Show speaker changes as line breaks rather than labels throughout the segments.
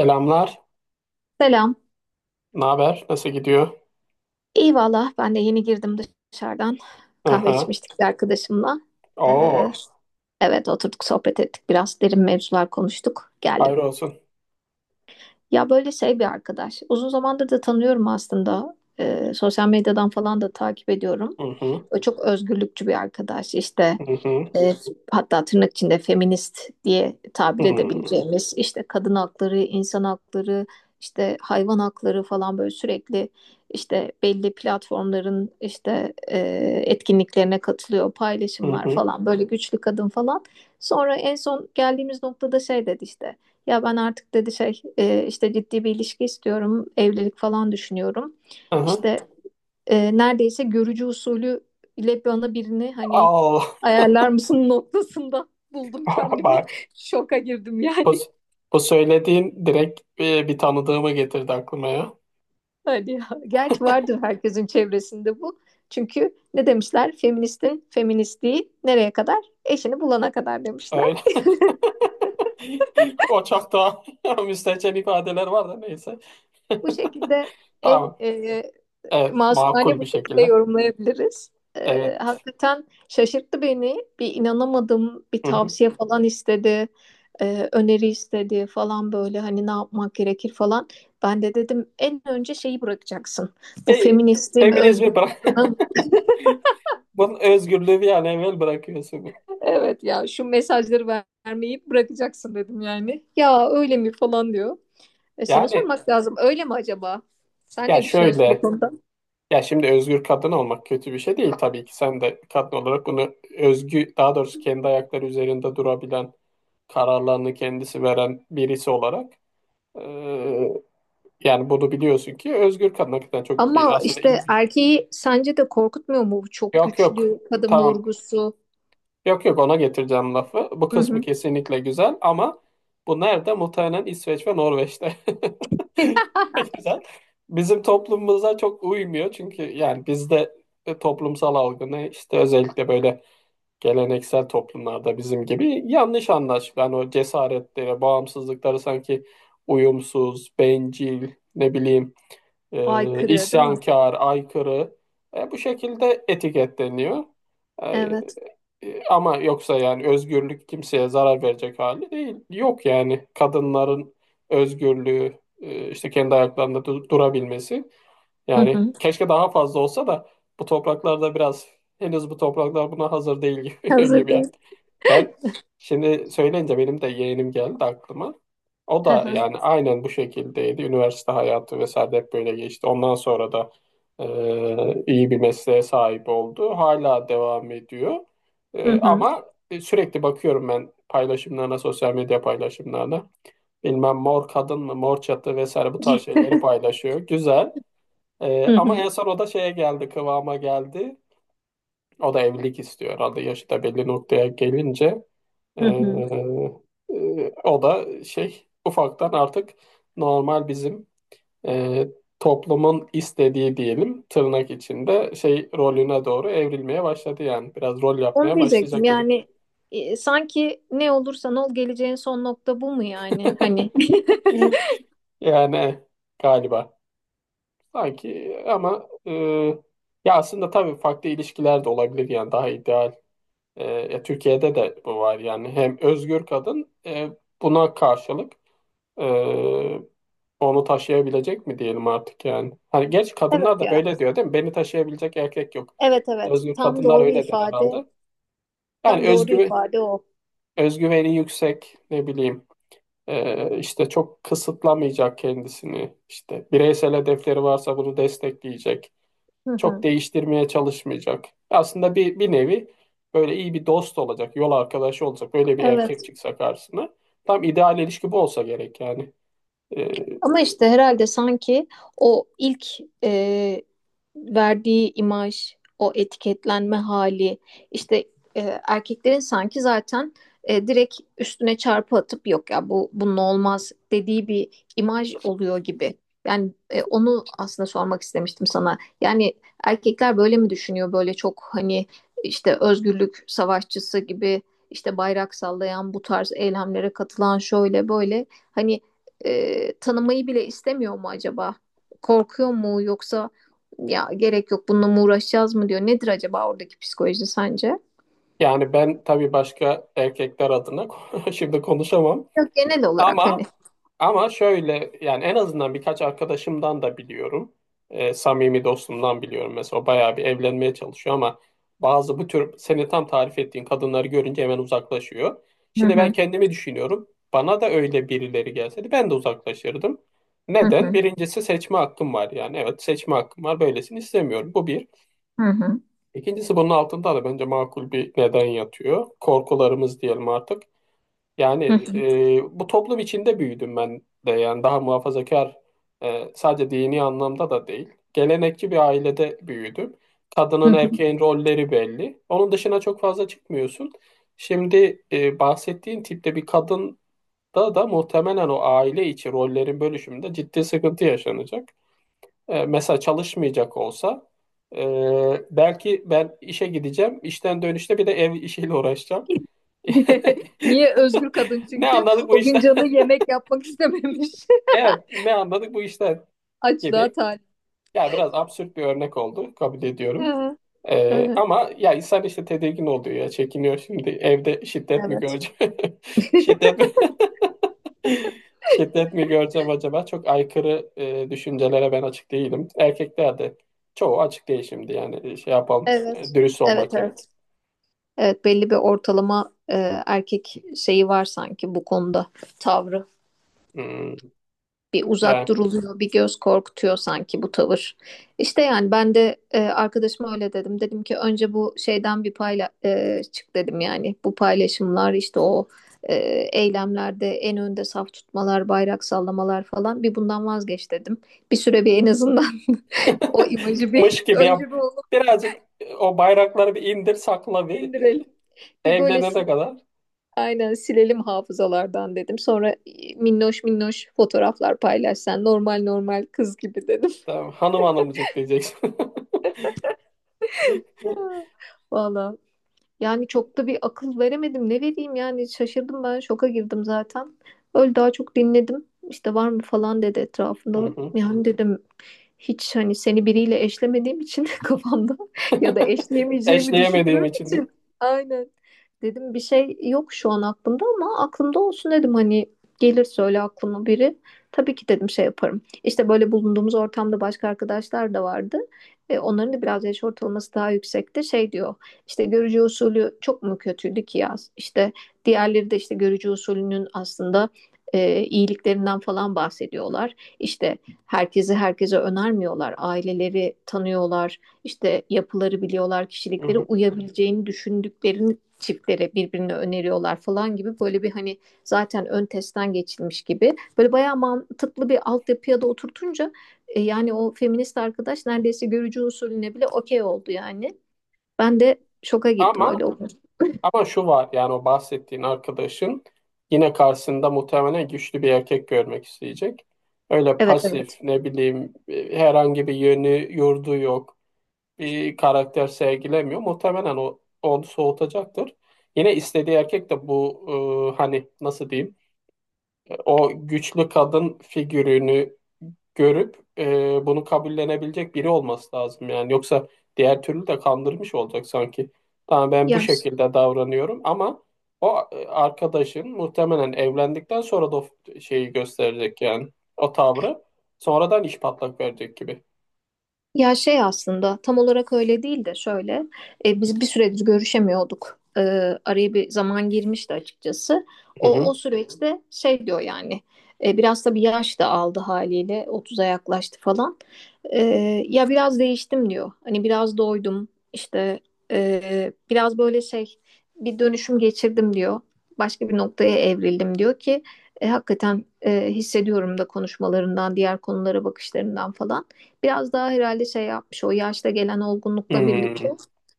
Selamlar.
Selam.
Ne haber? Nasıl gidiyor?
İyi valla ben de yeni girdim dışarıdan. Kahve
Aha.
içmiştik bir arkadaşımla.
Oo.
Ee, evet oturduk sohbet ettik. Biraz derin mevzular konuştuk. Geldim.
Hayır olsun.
Ya böyle şey bir arkadaş. Uzun zamandır da tanıyorum aslında. Sosyal medyadan falan da takip ediyorum.
Hı hı.
O çok özgürlükçü bir arkadaş. İşte
Hı hı.
e, hatta tırnak içinde feminist diye tabir
Hı
edebileceğimiz işte kadın hakları, insan hakları, işte hayvan hakları falan böyle sürekli işte belli platformların işte etkinliklerine katılıyor, paylaşımlar
hı.
falan böyle güçlü kadın falan. Sonra en son geldiğimiz noktada şey dedi işte ya ben artık dedi şey işte ciddi bir ilişki istiyorum, evlilik falan düşünüyorum.
Hı hı.
İşte neredeyse görücü usulü ile bana birini hani
Al.
ayarlar mısın noktasında buldum kendimi.
Bak.
Şoka girdim
Bu,
yani.
bu söylediğin direkt bir tanıdığımı getirdi aklıma ya.
Hadi ya. Gerçi vardır herkesin çevresinde bu. Çünkü ne demişler? Feministin feministliği nereye kadar? Eşini bulana kadar demişler.
Öyle. O çok daha müstehcen ifadeler var da neyse.
Bu şekilde en
Tamam.
e,
Evet.
masumane
Makul
bu
bir
şekilde
şekilde.
yorumlayabiliriz.
Evet.
Hakikaten şaşırttı beni. Bir inanamadım. Bir
Hı hı.
tavsiye falan istedi. Öneri istedi falan böyle hani ne yapmak gerekir falan. Ben de dedim en önce şeyi bırakacaksın. Bu
E,
feministim, özgür
Feminizmi bırak.
kadınım.
Bunun özgürlüğü bir an evvel bırakıyorsun.
Evet ya şu mesajları vermeyi bırakacaksın dedim yani. Ya öyle mi falan diyor. E, sana
Yani
sormak lazım. Öyle mi acaba? Sen
ya
ne düşünüyorsun bu
şöyle
konuda?
ya şimdi özgür kadın olmak kötü bir şey değil tabii ki. Sen de kadın olarak bunu özgü, daha doğrusu kendi ayakları üzerinde durabilen, kararlarını kendisi veren birisi olarak eee, yani bunu biliyorsun ki özgür kadın hakikaten
Ama
aslında
işte
iyi bir
erkeği sence de korkutmuyor mu bu çok
yok yok
güçlü kadın
tamam
vurgusu?
Yok yok, ona getireceğim lafı. Bu
Hı
kısmı
hı.
kesinlikle güzel ama bu nerede? Muhtemelen İsveç ve Norveç'te. Ne Güzel. Bizim toplumumuza çok uymuyor, çünkü yani bizde toplumsal algı ne, işte özellikle böyle geleneksel toplumlarda bizim gibi yanlış anlaşılıyor. Yani o cesaretlere, bağımsızlıkları sanki uyumsuz, bencil, ne bileyim,
Aykırı değil mi?
isyankar, aykırı, bu şekilde etiketleniyor.
Evet.
E, Ama yoksa yani özgürlük kimseye zarar verecek hali değil. Yok yani kadınların özgürlüğü, işte kendi ayaklarında durabilmesi.
Hı
Yani
hı.
keşke daha fazla olsa da bu topraklarda biraz, henüz bu topraklar buna hazır değil gibi,
Hazır
gibi yani.
değil.
Ben şimdi söyleyince benim de yeğenim geldi aklıma. O
Hı
da
hı.
yani aynen bu şekildeydi. Üniversite hayatı vesaire de hep böyle geçti. Ondan sonra da iyi bir mesleğe sahip oldu. Hala devam ediyor.
Hı
E,
hı.
ama sürekli bakıyorum ben paylaşımlarına, sosyal medya paylaşımlarına. Bilmem mor kadın mı, mor çatı vesaire, bu tarz şeyleri paylaşıyor. Güzel.
Hı
Ama
hı.
en son o da şeye geldi, kıvama geldi. O da evlilik istiyor. Adı yaşı da belli noktaya gelince ee,
Hı hı.
o da şey, ufaktan artık normal bizim ee, toplumun istediği diyelim, tırnak içinde şey rolüne doğru evrilmeye başladı yani. Biraz rol
Onu
yapmaya
diyecektim
başlayacak gibi.
yani, sanki ne olursan ol geleceğin son nokta bu mu yani hani?
Yani galiba, sanki, ama ya aslında tabii farklı ilişkiler de olabilir yani, daha ideal. E, ya Türkiye'de de bu var yani, hem özgür kadın, buna karşılık e, onu taşıyabilecek mi diyelim artık yani. Hani genç
Evet
kadınlar da
ya.
böyle diyor değil mi? Beni taşıyabilecek erkek yok.
Evet, evet.
Özgür
Tam
kadınlar
doğru
öyle der
ifade.
herhalde.
Tam
Yani
doğru
özgü,
ifade o.
özgüveni yüksek, ne bileyim, işte çok kısıtlamayacak kendisini, işte bireysel hedefleri varsa bunu destekleyecek,
Hı
çok
hı.
değiştirmeye çalışmayacak. Aslında bir nevi böyle iyi bir dost olacak, yol arkadaşı olacak. Böyle bir
Evet.
erkek çıksa karşısına. Tam ideal ilişki bu olsa gerek yani. Ee,
Ama işte herhalde sanki o ilk e, verdiği imaj, o etiketlenme hali, işte erkeklerin sanki zaten direkt üstüne çarpı atıp yok ya bu bunun olmaz dediği bir imaj oluyor gibi. Yani onu aslında sormak istemiştim sana. Yani erkekler böyle mi düşünüyor? Böyle çok hani işte özgürlük savaşçısı gibi işte bayrak sallayan bu tarz eylemlere katılan şöyle böyle hani, tanımayı bile istemiyor mu acaba? Korkuyor mu yoksa ya gerek yok bununla mı uğraşacağız mı diyor. Nedir acaba oradaki psikoloji sence?
yani ben tabii başka erkekler adına şimdi konuşamam.
Yok genel olarak hani.
Ama ama şöyle, yani en azından birkaç arkadaşımdan da biliyorum. Samimi dostumdan biliyorum mesela, o bayağı bir evlenmeye çalışıyor ama bazı bu tür, seni tam tarif ettiğin kadınları görünce hemen uzaklaşıyor.
Hı
Şimdi ben
hı,
kendimi düşünüyorum. Bana da öyle birileri gelseydi ben de uzaklaşırdım.
hı
Neden?
hı,
Birincisi seçme hakkım var yani. Evet, seçme hakkım var. Böylesini istemiyorum. Bu bir.
hı hı,
İkincisi, bunun altında da bence makul bir neden yatıyor. Korkularımız diyelim artık.
hı hı,
Yani bu toplum içinde büyüdüm ben de, yani daha muhafazakar, sadece dini anlamda da değil. Gelenekçi bir ailede büyüdüm.
hı
Kadının
hı.
erkeğin rolleri belli. Onun dışına çok fazla çıkmıyorsun. Şimdi bahsettiğin tipte bir kadın da muhtemelen o aile içi rollerin bölüşümünde ciddi sıkıntı yaşanacak. E, mesela çalışmayacak olsa, e, belki ben işe gideceğim, işten dönüşte bir de ev işiyle uğraşacağım.
Niye özgür kadın
Ne
çünkü
anladık bu
o gün
işten?
canı yemek yapmak istememiş.
Evet, ne anladık bu işten
Açlığa
gibi.
talip.
Ya biraz absürt bir örnek oldu, kabul
Hı
ediyorum.
hı, hı hı.
Ama ya insan işte tedirgin oluyor ya, çekiniyor, şimdi evde şiddet mi
Evet.
göreceğim? Şiddet mi? Şiddet mi göreceğim acaba? Çok aykırı düşüncelere ben açık değilim. Erkekler de çoğu açık değil şimdi, yani şey yapalım,
Evet.
dürüst
Evet,
olmak gerek.
evet. Evet, belli bir ortalama erkek şeyi var sanki bu konuda tavrı.
Hmm,
Bir
yani.
uzak duruluyor, bir göz korkutuyor sanki bu tavır. İşte yani ben de, arkadaşıma öyle dedim. Dedim ki önce bu şeyden bir çık dedim yani. Bu paylaşımlar işte o, e, eylemlerde en önde saf tutmalar, bayrak sallamalar falan bir bundan vazgeç dedim. Bir süre bir en azından o imajı bir
Mış gibi
önce
yap.
bir onu
Birazcık, o bayrakları bir indir sakla bir,
indirelim.
E,
Bir böyle
evlenene kadar.
aynen silelim hafızalardan dedim. Sonra minnoş minnoş fotoğraflar paylaşsan normal normal kız gibi dedim.
Tamam, hanım hanımcık diyeceksin.
Valla. Yani çok da bir akıl veremedim. Ne vereyim yani şaşırdım ben şoka girdim zaten. Öyle daha çok dinledim. İşte var mı falan dedi
Hı
etrafında.
hı.
Yani dedim hiç hani seni biriyle eşlemediğim için kafamda ya da eşleyemeyeceğimi
Eşleyemediğim
düşündüğüm
için de.
için. Aynen. Dedim bir şey yok şu an aklımda ama aklımda olsun dedim hani gelir söyle aklıma biri. Tabii ki dedim şey yaparım. İşte böyle bulunduğumuz ortamda başka arkadaşlar da vardı. Onların da biraz yaş ortalaması daha yüksekti. Şey diyor. İşte görücü usulü çok mu kötüydü ki ya? İşte diğerleri de işte görücü usulünün aslında, iyiliklerinden falan bahsediyorlar. İşte herkesi herkese önermiyorlar. Aileleri tanıyorlar. İşte yapıları biliyorlar.
Hı
Kişilikleri
hı.
uyabileceğini düşündüklerini çiftlere birbirine öneriyorlar falan gibi böyle bir hani zaten ön testten geçilmiş gibi böyle bayağı mantıklı bir altyapıya da oturtunca, yani o feminist arkadaş neredeyse görücü usulüne bile okey oldu yani. Ben de şoka girdim öyle
Ama
oldu.
ama şu var yani, o bahsettiğin arkadaşın yine karşısında muhtemelen güçlü bir erkek görmek isteyecek. Öyle
Evet,
pasif,
evet.
ne bileyim, herhangi bir yönü yurdu yok, bir karakter sergilemiyor. Muhtemelen o onu soğutacaktır. Yine istediği erkek de bu, hani nasıl diyeyim, o güçlü kadın figürünü görüp bunu kabullenebilecek biri olması lazım yani. Yoksa diğer türlü de kandırmış olacak sanki. Tamam ben bu
Yani
şekilde davranıyorum ama o, arkadaşın muhtemelen evlendikten sonra da o şeyi gösterecek, yani o tavrı sonradan iş patlak verecek gibi.
ya şey aslında tam olarak öyle değil de şöyle, biz bir süredir görüşemiyorduk. Araya bir zaman girmişti açıkçası.
Hı
O o
hı.
süreçte şey diyor yani, biraz da bir yaş da aldı haliyle 30'a yaklaştı falan. E, Ya biraz değiştim diyor. Hani biraz doydum işte, biraz böyle şey bir dönüşüm geçirdim diyor. Başka bir noktaya evrildim diyor ki, hakikaten, hissediyorum da konuşmalarından diğer konulara bakışlarından falan biraz daha herhalde şey yapmış o yaşta gelen olgunlukla birlikte,
Hmm.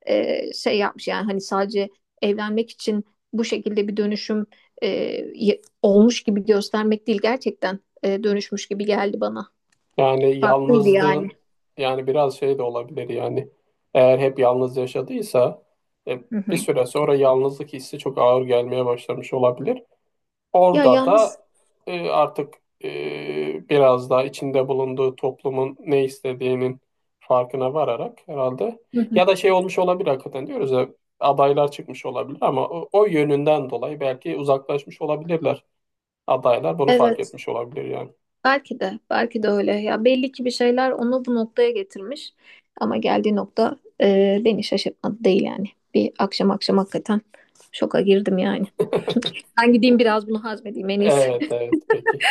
şey yapmış yani hani sadece evlenmek için bu şekilde bir dönüşüm, e, olmuş gibi göstermek değil gerçekten, dönüşmüş gibi geldi bana.
Yani
Farklıydı yani.
yalnızlığın yani biraz şey de olabilir yani. Eğer hep yalnız yaşadıysa e,
Hı
bir
hı.
süre sonra yalnızlık hissi çok ağır gelmeye başlamış olabilir.
Ya
Orada
yalnız.
da artık biraz daha içinde bulunduğu toplumun ne istediğinin farkına vararak, herhalde,
Hı hı.
ya da şey olmuş olabilir, hakikaten diyoruz ya, adaylar çıkmış olabilir ama o yönünden dolayı belki uzaklaşmış olabilirler, adaylar bunu fark
Evet,
etmiş olabilir yani.
belki de belki de öyle ya belli ki bir şeyler onu bu noktaya getirmiş ama geldiği nokta, beni şaşırtmadı değil yani. Bir akşam akşam hakikaten şoka girdim yani. Ben gideyim biraz bunu hazmedeyim en
Evet,
iyisi.
evet, peki.